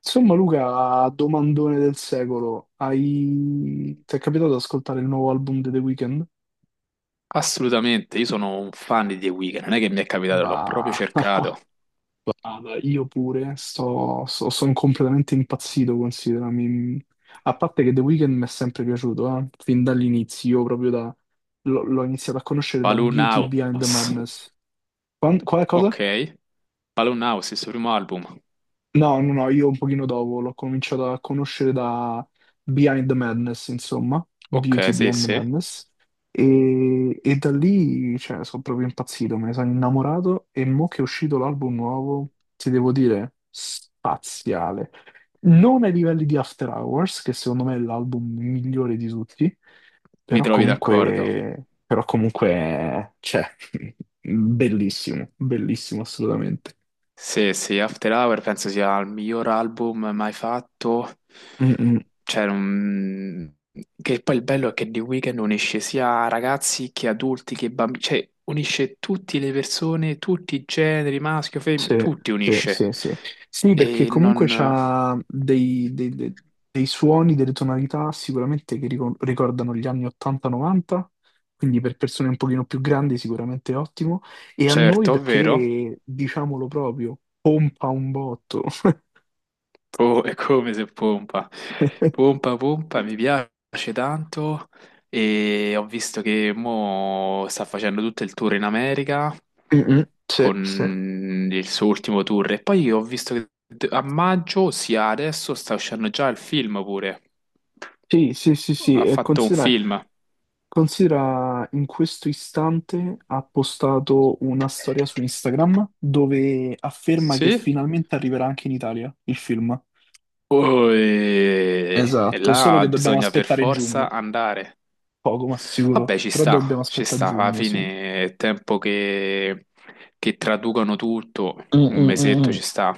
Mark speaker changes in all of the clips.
Speaker 1: Insomma, Luca, domandone del secolo, ti è capitato di ascoltare il nuovo album di The Weeknd?
Speaker 2: Assolutamente, io sono un fan di The Weeknd, non è che mi è capitato, l'ho proprio
Speaker 1: Bah,
Speaker 2: cercato.
Speaker 1: guarda, io pure, sono completamente impazzito, considera. A parte che The Weeknd mi è sempre piaciuto, fin dall'inizio, l'ho iniziato a conoscere da
Speaker 2: Balloon
Speaker 1: Beauty Behind the
Speaker 2: House,
Speaker 1: Madness. Quale cosa?
Speaker 2: ok. Balloon House, il suo primo album.
Speaker 1: No, no, no, io un pochino dopo l'ho cominciato a conoscere da Behind the Madness, insomma,
Speaker 2: Ok,
Speaker 1: Beauty
Speaker 2: sì,
Speaker 1: Behind the
Speaker 2: sì,
Speaker 1: Madness, e da lì, cioè, sono proprio impazzito, me ne sono innamorato e mo che è uscito l'album nuovo, ti devo dire, spaziale. Non ai livelli di After Hours, che secondo me è l'album migliore di tutti,
Speaker 2: mi
Speaker 1: però
Speaker 2: trovi d'accordo.
Speaker 1: comunque, bellissimo, bellissimo assolutamente.
Speaker 2: Sì, sì, After Hour penso sia il miglior album mai fatto.
Speaker 1: Mm, mm.
Speaker 2: Cioè, che poi il bello è che The Weeknd unisce sia ragazzi che adulti che bambini, cioè unisce tutte le persone, tutti i generi, maschio, femmina,
Speaker 1: Sì,
Speaker 2: tutti
Speaker 1: sì,
Speaker 2: unisce.
Speaker 1: sì, sì. Sì, perché
Speaker 2: E
Speaker 1: comunque
Speaker 2: non.
Speaker 1: c'ha dei, dei- dei- dei suoni, delle tonalità sicuramente che ricordano gli anni 80-90, quindi per persone un pochino più grandi sicuramente è ottimo, e a noi
Speaker 2: Certo, vero?
Speaker 1: perché, diciamolo proprio, pompa un botto.
Speaker 2: Oh, è come se pompa. Pompa, pompa, mi piace tanto e ho visto che mo sta facendo tutto il tour in America
Speaker 1: Mm, mm. Sì, sì.
Speaker 2: con il suo ultimo tour e poi ho visto che a maggio, ossia adesso, sta uscendo già il film pure.
Speaker 1: Sì, sì, sì, sì,
Speaker 2: Ha
Speaker 1: e
Speaker 2: fatto un
Speaker 1: considera
Speaker 2: film.
Speaker 1: considera, in questo istante ha postato una storia su Instagram dove afferma che
Speaker 2: Sì?
Speaker 1: finalmente arriverà anche in Italia il film.
Speaker 2: Oh, e
Speaker 1: Esatto, solo
Speaker 2: là
Speaker 1: che dobbiamo
Speaker 2: bisogna per
Speaker 1: aspettare
Speaker 2: forza
Speaker 1: giugno,
Speaker 2: andare.
Speaker 1: poco ma sicuro,
Speaker 2: Vabbè,
Speaker 1: però dobbiamo
Speaker 2: ci
Speaker 1: aspettare
Speaker 2: sta, alla
Speaker 1: giugno, sì. Mm,
Speaker 2: fine è tempo che traducano tutto,
Speaker 1: mm,
Speaker 2: un
Speaker 1: mm,
Speaker 2: mesetto
Speaker 1: mm.
Speaker 2: ci sta.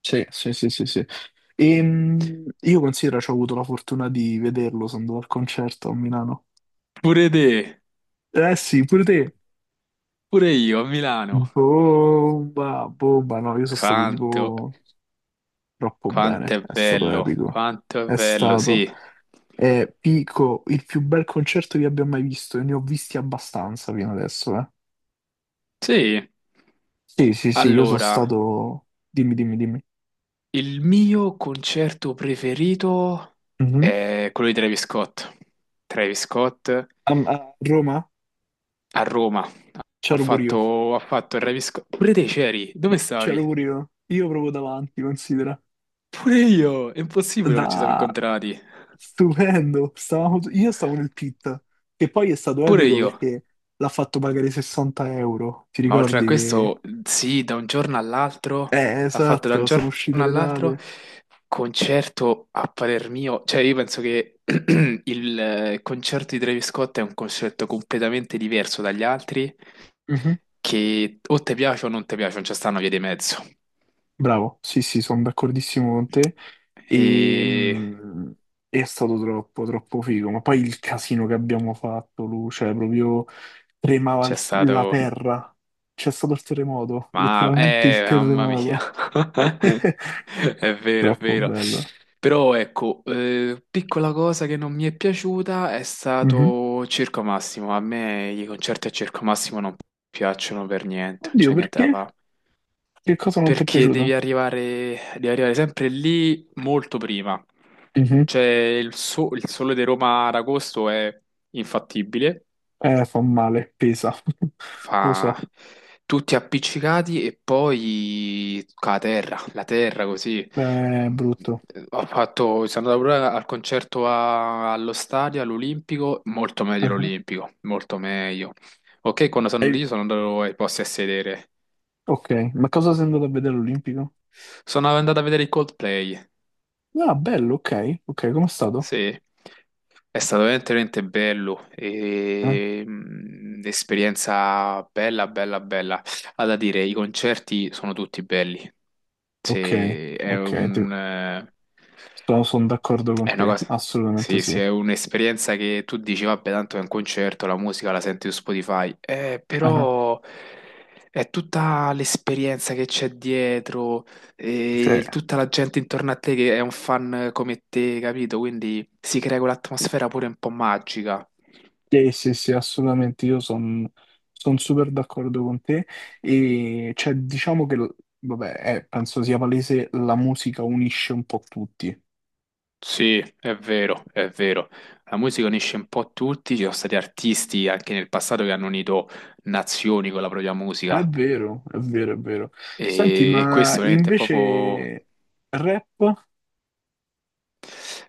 Speaker 1: Sì, sì, sì, sì, sì. Io considero, ci ho avuto la fortuna di vederlo, sono andato al concerto a Milano.
Speaker 2: Pure te,
Speaker 1: Eh sì, pure te.
Speaker 2: pure io a Milano.
Speaker 1: Bomba, bomba, no, io sono stato
Speaker 2: Quanto,
Speaker 1: tipo troppo
Speaker 2: quanto
Speaker 1: bene,
Speaker 2: è
Speaker 1: è stato
Speaker 2: bello,
Speaker 1: epico.
Speaker 2: quanto è
Speaker 1: È
Speaker 2: bello,
Speaker 1: stato,
Speaker 2: sì.
Speaker 1: pico, il più bel concerto che abbia mai visto e ne ho visti abbastanza fino adesso, eh.
Speaker 2: Sì,
Speaker 1: Sì, sì, sì, io sono
Speaker 2: allora,
Speaker 1: stato... Dimmi, dimmi, dimmi.
Speaker 2: il mio concerto preferito
Speaker 1: Mhm.
Speaker 2: è quello di Travis Scott. Travis Scott a
Speaker 1: A Roma
Speaker 2: Roma. Ha
Speaker 1: c'ero pure io,
Speaker 2: fatto, ha fatto il Travis Scott. Pure te c'eri? Dove stavi?
Speaker 1: c'ero pure io. Io proprio davanti, considera.
Speaker 2: Pure io! È impossibile non ci siamo
Speaker 1: Da...
Speaker 2: incontrati.
Speaker 1: Stupendo. Stavamo... Io stavo nel pit, che poi è stato
Speaker 2: Pure
Speaker 1: epico
Speaker 2: io.
Speaker 1: perché l'ha fatto pagare 60 euro. Ti
Speaker 2: Ma oltre a
Speaker 1: ricordi che...
Speaker 2: questo, sì, da un giorno all'altro, ha fatto da un
Speaker 1: Esatto, sono
Speaker 2: giorno
Speaker 1: uscite le
Speaker 2: all'altro
Speaker 1: date.
Speaker 2: concerto a parer mio. Cioè, io penso che il concerto di Travis Scott è un concerto completamente diverso dagli altri, che o ti piace o non ti piace, non c'è sta una via di mezzo.
Speaker 1: Bravo, sì, sì, sono d'accordissimo con te
Speaker 2: E
Speaker 1: e è stato troppo, troppo figo, ma poi il casino che abbiamo fatto, Lu, cioè proprio tremava
Speaker 2: c'è
Speaker 1: il- la
Speaker 2: stato.
Speaker 1: terra, c'è stato il terremoto,
Speaker 2: Ma,
Speaker 1: letteralmente il
Speaker 2: mamma mia,
Speaker 1: terremoto,
Speaker 2: è vero, è
Speaker 1: troppo
Speaker 2: vero.
Speaker 1: bello.
Speaker 2: Però ecco, piccola cosa che non mi è piaciuta è
Speaker 1: Mhm.
Speaker 2: stato Circo Massimo. A me i concerti a Circo Massimo non piacciono per niente, non
Speaker 1: Oddio,
Speaker 2: c'è niente da
Speaker 1: perché?
Speaker 2: fare.
Speaker 1: Che cosa non ti è
Speaker 2: Perché devi
Speaker 1: piaciuto?
Speaker 2: arrivare, devi arrivare sempre lì molto prima.
Speaker 1: Mhm.
Speaker 2: Cioè, il sole di Roma ad agosto è infattibile.
Speaker 1: Fa male, pesa, lo
Speaker 2: Fa
Speaker 1: so,
Speaker 2: tutti appiccicati e poi con la terra così.
Speaker 1: è brutto.
Speaker 2: Sono andato pure al concerto allo stadio, all'Olimpico, molto meglio
Speaker 1: Mhm.
Speaker 2: l'Olimpico, molto meglio. Ok, quando sono
Speaker 1: Hai-
Speaker 2: lì sono andato ai posti a sedere.
Speaker 1: Ok, ma cosa sei andato a vedere all'Olimpico?
Speaker 2: Sono andato a vedere i Coldplay.
Speaker 1: Ah, bello, ok, ok, com'è stato?
Speaker 2: Sì, è stato veramente, veramente bello,
Speaker 1: Eh,
Speaker 2: e, esperienza bella, bella, bella. Ha da dire, i concerti sono tutti belli.
Speaker 1: Ok,
Speaker 2: Se è
Speaker 1: ok, ti-
Speaker 2: un, eh,
Speaker 1: sono d'accordo con
Speaker 2: è una
Speaker 1: te,
Speaker 2: cosa,
Speaker 1: assolutamente
Speaker 2: sì,
Speaker 1: sì.
Speaker 2: sì, è un'esperienza che tu dici, vabbè, tanto è un concerto, la musica la senti su Spotify,
Speaker 1: Eh,
Speaker 2: però è tutta l'esperienza che c'è dietro,
Speaker 1: sì,
Speaker 2: e tutta la gente intorno a te che è un fan come te, capito? Quindi si crea quell'atmosfera pure un po' magica.
Speaker 1: sì, sì, sì, assolutamente, io sono super d'accordo con te. E cioè, diciamo che, vabbè, penso sia palese, la musica unisce un po' tutti.
Speaker 2: Sì, è vero, è vero. La musica unisce un po' tutti, ci sono stati artisti anche nel passato che hanno unito nazioni con la propria
Speaker 1: È
Speaker 2: musica
Speaker 1: vero, è vero, è vero. Senti,
Speaker 2: e
Speaker 1: ma
Speaker 2: questo veramente è proprio.
Speaker 1: invece rap?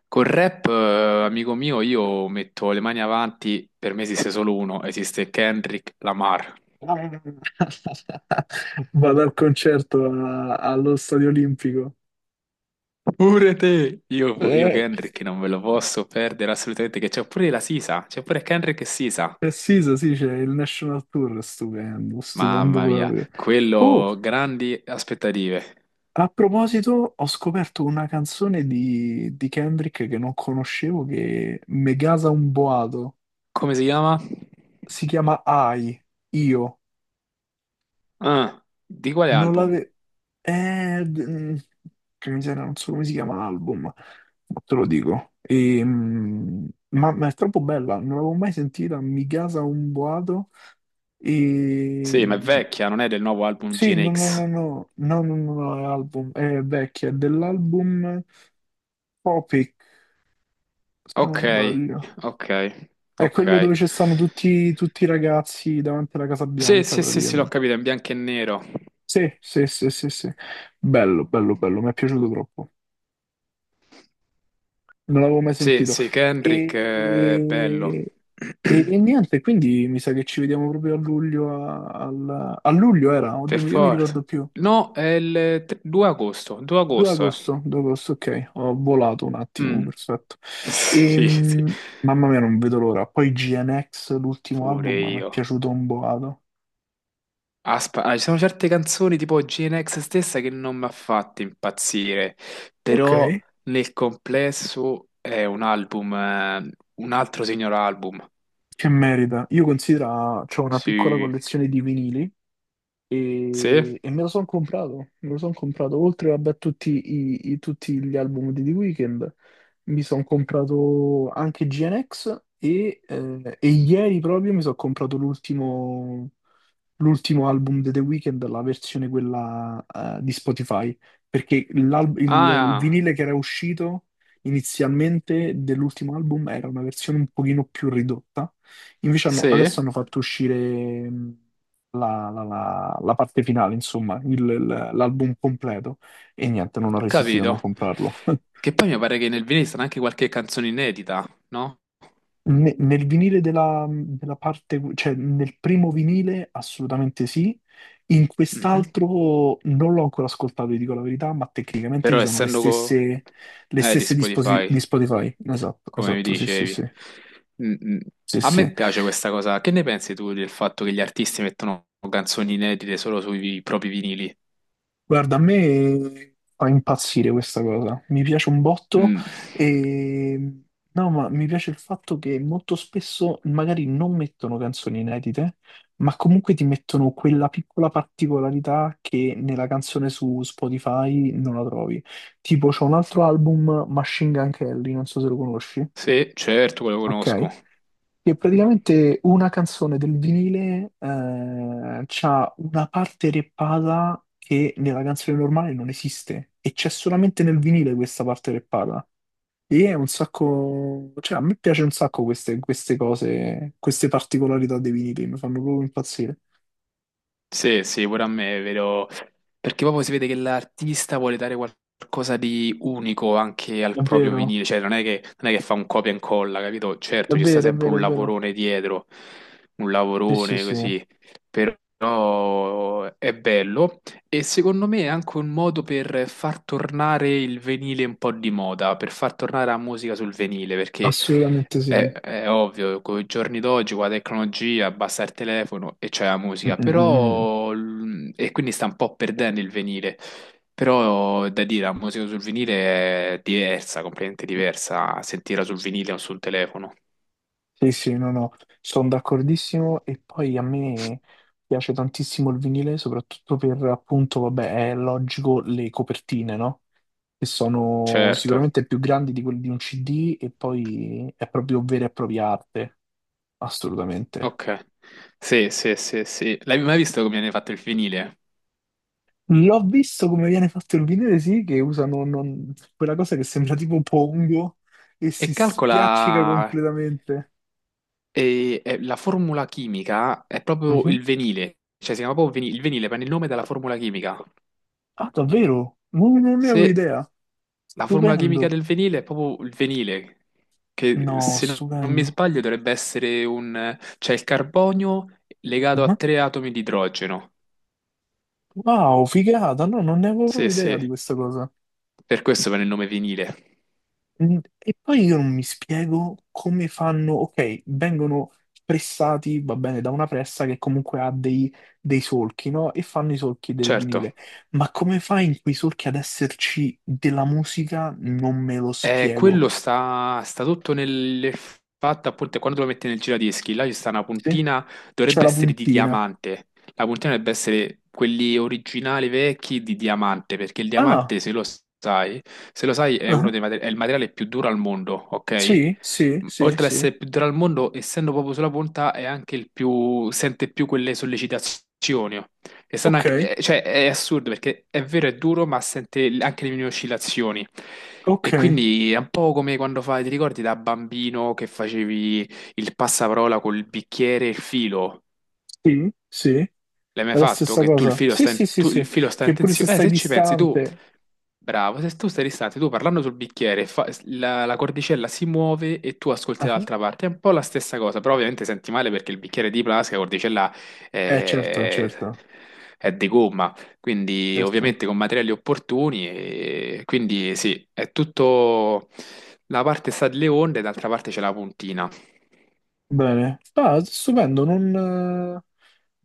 Speaker 2: Col rap, amico mio, io metto le mani avanti, per me esiste solo uno, esiste Kendrick Lamar.
Speaker 1: Vado al concerto allo Stadio Olimpico.
Speaker 2: Pure te! Io
Speaker 1: Eh,
Speaker 2: Kendrick non me lo posso perdere assolutamente, che c'è pure la Sisa, c'è pure Kendrick e Sisa.
Speaker 1: Precisa, sì, so, sì, c'è il National Tour, stupendo, stupendo
Speaker 2: Mamma mia,
Speaker 1: proprio. Oh,
Speaker 2: quello grandi aspettative.
Speaker 1: a proposito, ho scoperto una canzone di Kendrick che non conoscevo, che me gasa un boato.
Speaker 2: Come si chiama?
Speaker 1: Si chiama I, Io.
Speaker 2: Ah, di quale
Speaker 1: Non
Speaker 2: album?
Speaker 1: l'avevo... Eh, d- mm, che miseria, non so come si chiama l'album, ma te lo dico. E, ma è troppo bella, non l'avevo mai sentita, mi gasa un boato.
Speaker 2: Sì, ma
Speaker 1: E
Speaker 2: è vecchia, non è del nuovo album
Speaker 1: Sì,
Speaker 2: Gen
Speaker 1: no, no, no,
Speaker 2: X.
Speaker 1: no, no, no, no, no, è album, è vecchia, è dell'album Topic, se non
Speaker 2: Ok,
Speaker 1: sbaglio.
Speaker 2: ok,
Speaker 1: È
Speaker 2: ok.
Speaker 1: quello dove ci stanno tutti, tutti i ragazzi davanti alla Casa
Speaker 2: Sì,
Speaker 1: Bianca,
Speaker 2: sì, sì, sì, l'ho
Speaker 1: praticamente.
Speaker 2: capito, è in bianco e nero.
Speaker 1: Sì, sì, sì, sì, sì. Bello, bello, bello, mi è piaciuto troppo. Non l'avevo mai
Speaker 2: Sì,
Speaker 1: sentito.
Speaker 2: sì, Kendrick, è bello.
Speaker 1: E, niente, quindi mi sa che ci vediamo proprio a luglio, a luglio era,
Speaker 2: Per
Speaker 1: oddio, mica mi
Speaker 2: forza.
Speaker 1: ricordo più.
Speaker 2: No, è il 2 agosto, 2
Speaker 1: 2
Speaker 2: agosto.
Speaker 1: agosto, 2 agosto, ok, ho volato un attimo,
Speaker 2: Mm.
Speaker 1: perfetto.
Speaker 2: Sì, sì,
Speaker 1: Mamma mia, non vedo l'ora. Poi GNX, l'ultimo
Speaker 2: pure
Speaker 1: album, mi è
Speaker 2: io.
Speaker 1: piaciuto un boato.
Speaker 2: Ci sono certe canzoni tipo GNX stessa che non mi ha fatto impazzire,
Speaker 1: Ok,
Speaker 2: però nel complesso è un album, un altro signor album.
Speaker 1: che merita. Io considero, c'ho una piccola
Speaker 2: Sì,
Speaker 1: collezione di vinili
Speaker 2: sì.
Speaker 1: e me lo sono comprato, me lo sono comprato, oltre vabbè, a tutti, tutti gli album di The Weeknd, mi sono comprato anche GNX e ieri proprio mi sono comprato l'ultimo album di The Weeknd, la versione quella di Spotify, perché il
Speaker 2: Ah,
Speaker 1: vinile che era uscito inizialmente dell'ultimo album era una versione un pochino più ridotta, invece adesso
Speaker 2: sì,
Speaker 1: hanno fatto uscire la parte finale, insomma, l'album completo, e niente, non ho resistito a non
Speaker 2: capito.
Speaker 1: comprarlo.
Speaker 2: Che poi mi pare che nel vinile sta anche qualche canzone inedita, no?
Speaker 1: Nel vinile della parte, cioè nel primo vinile assolutamente sì, in
Speaker 2: Mhm.
Speaker 1: quest'altro non l'ho ancora ascoltato, vi dico la verità, ma tecnicamente ci
Speaker 2: Però
Speaker 1: sono
Speaker 2: essendo
Speaker 1: le
Speaker 2: di
Speaker 1: stesse di,
Speaker 2: Spotify,
Speaker 1: di Spotify. Esatto,
Speaker 2: come mi
Speaker 1: esatto, sì, sì,
Speaker 2: dicevi,
Speaker 1: sì,
Speaker 2: mm, mm,
Speaker 1: sì,
Speaker 2: a
Speaker 1: sì.
Speaker 2: me piace questa cosa. Che ne pensi tu del fatto che gli artisti mettono canzoni inedite solo sui propri vinili?
Speaker 1: Guarda, a me fa impazzire questa cosa, mi piace un botto
Speaker 2: Mm.
Speaker 1: e no, ma mi piace il fatto che molto spesso magari non mettono canzoni inedite, ma comunque ti mettono quella piccola particolarità che nella canzone su Spotify non la trovi. Tipo, c'è un altro album, Machine Gun Kelly, non so se lo conosci,
Speaker 2: Sì, certo, quello conosco.
Speaker 1: ok? Che praticamente una canzone del vinile c'ha una parte reppata che nella canzone normale non esiste e c'è solamente nel vinile questa parte reppata. E è un sacco, cioè a me piace un sacco queste, queste cose, queste particolarità dei vinili, mi fanno proprio impazzire.
Speaker 2: Sì, sì, pure a me è vero, perché proprio si vede che l'artista vuole dare qualcosa di unico anche
Speaker 1: È
Speaker 2: al proprio
Speaker 1: vero,
Speaker 2: vinile, cioè non è che fa un copia e incolla, capito?
Speaker 1: è
Speaker 2: Certo, ci sta
Speaker 1: vero, è
Speaker 2: sempre
Speaker 1: vero,
Speaker 2: un
Speaker 1: è vero.
Speaker 2: lavorone dietro, un
Speaker 1: Sì, sì,
Speaker 2: lavorone
Speaker 1: sì,
Speaker 2: così, però è bello. E secondo me è anche un modo per far tornare il venile un po' di moda, per far tornare la musica sul venile, perché
Speaker 1: assolutamente
Speaker 2: è,
Speaker 1: sì.
Speaker 2: è ovvio, con i giorni d'oggi, con la tecnologia, basta il telefono e c'è la
Speaker 1: Mm,
Speaker 2: musica,
Speaker 1: mm, mm, mm.
Speaker 2: però e quindi sta un po' perdendo il venile. Però è da dire, la musica sul vinile è diversa, completamente diversa, sentirla sul vinile o sul telefono.
Speaker 1: Sì, sì, no, no, sono d'accordissimo e poi a me piace tantissimo il vinile, soprattutto per appunto, vabbè, è logico le copertine, no? Che sono
Speaker 2: Certo,
Speaker 1: sicuramente più grandi di quelle di un CD e poi è proprio vera e propria arte, assolutamente.
Speaker 2: ok. Sì, sì, sì, sì. L'hai mai visto come viene fatto il vinile?
Speaker 1: L'ho visto come viene fatto il vinile, sì, che usano non- quella cosa che sembra tipo pongo e
Speaker 2: E
Speaker 1: si
Speaker 2: calcola.
Speaker 1: spiaccica completamente.
Speaker 2: E, la formula chimica è proprio
Speaker 1: Mhm.
Speaker 2: il venile, cioè si chiama proprio il venile, prende il nome dalla formula chimica.
Speaker 1: Ah, davvero? Non ne avevo
Speaker 2: Se
Speaker 1: idea.
Speaker 2: la formula chimica
Speaker 1: Stupendo.
Speaker 2: del venile è proprio il venile, che
Speaker 1: No,
Speaker 2: se non mi
Speaker 1: stupendo.
Speaker 2: sbaglio dovrebbe essere cioè il carbonio legato
Speaker 1: Mhm.
Speaker 2: a tre atomi di idrogeno.
Speaker 1: Wow, figata, no, non ne avevo
Speaker 2: Sì,
Speaker 1: proprio idea
Speaker 2: sì,
Speaker 1: di questa cosa.
Speaker 2: per questo prende il nome venile.
Speaker 1: Mm. E poi io non mi spiego come fanno, ok, vengono pressati, va bene, da una pressa che comunque dei solchi, no? E fanno i solchi del
Speaker 2: Certo.
Speaker 1: vinile. Ma come fa in quei solchi ad esserci della musica? Non me lo spiego.
Speaker 2: Quello sta tutto nel fatto, appunto, quando lo metti nel giradischi, là ci sta una
Speaker 1: Sì?
Speaker 2: puntina,
Speaker 1: C'è
Speaker 2: dovrebbe
Speaker 1: la
Speaker 2: essere di
Speaker 1: puntina.
Speaker 2: diamante. La puntina dovrebbe essere quelli originali vecchi di diamante, perché il
Speaker 1: Ah,
Speaker 2: diamante, sai, se lo sai, è uno
Speaker 1: ah,
Speaker 2: dei materi- è il materiale più duro al mondo, ok?
Speaker 1: sì, sì, sì,
Speaker 2: Oltre ad
Speaker 1: sì.
Speaker 2: essere il più duro al mondo, essendo proprio sulla punta, è anche sente più quelle sollecitazioni. Che stanno
Speaker 1: Ok,
Speaker 2: cioè, è assurdo perché è vero, è duro, ma sente anche le mie oscillazioni.
Speaker 1: ok,
Speaker 2: E quindi è un po' come quando fai, ti ricordi da bambino che facevi il passaparola col bicchiere e il filo?
Speaker 1: sì, sì.
Speaker 2: L'hai mai
Speaker 1: È la
Speaker 2: fatto?
Speaker 1: stessa
Speaker 2: Che tu il
Speaker 1: cosa.
Speaker 2: filo
Speaker 1: Sì,
Speaker 2: sta in,
Speaker 1: sì, sì,
Speaker 2: tu, il
Speaker 1: sì,
Speaker 2: filo sta in
Speaker 1: che pure se
Speaker 2: tensione?
Speaker 1: stai
Speaker 2: Se ci pensi tu,
Speaker 1: distante.
Speaker 2: bravo, se tu stai distante, tu parlando sul bicchiere, la cordicella si muove e tu ascolti
Speaker 1: Ah,
Speaker 2: dall'altra parte. È un po' la stessa cosa, però ovviamente senti male perché il bicchiere è di plastica, la cordicella
Speaker 1: eh, certo,
Speaker 2: è,
Speaker 1: certo,
Speaker 2: è di gomma, quindi
Speaker 1: certo.
Speaker 2: ovviamente con materiali opportuni. E quindi sì, è tutto. La parte sta delle onde, e d'altra parte c'è la puntina.
Speaker 1: Bene. Ah, stupendo, eh,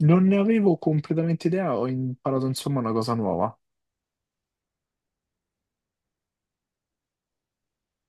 Speaker 1: non ne avevo completamente idea, ho imparato insomma una cosa nuova.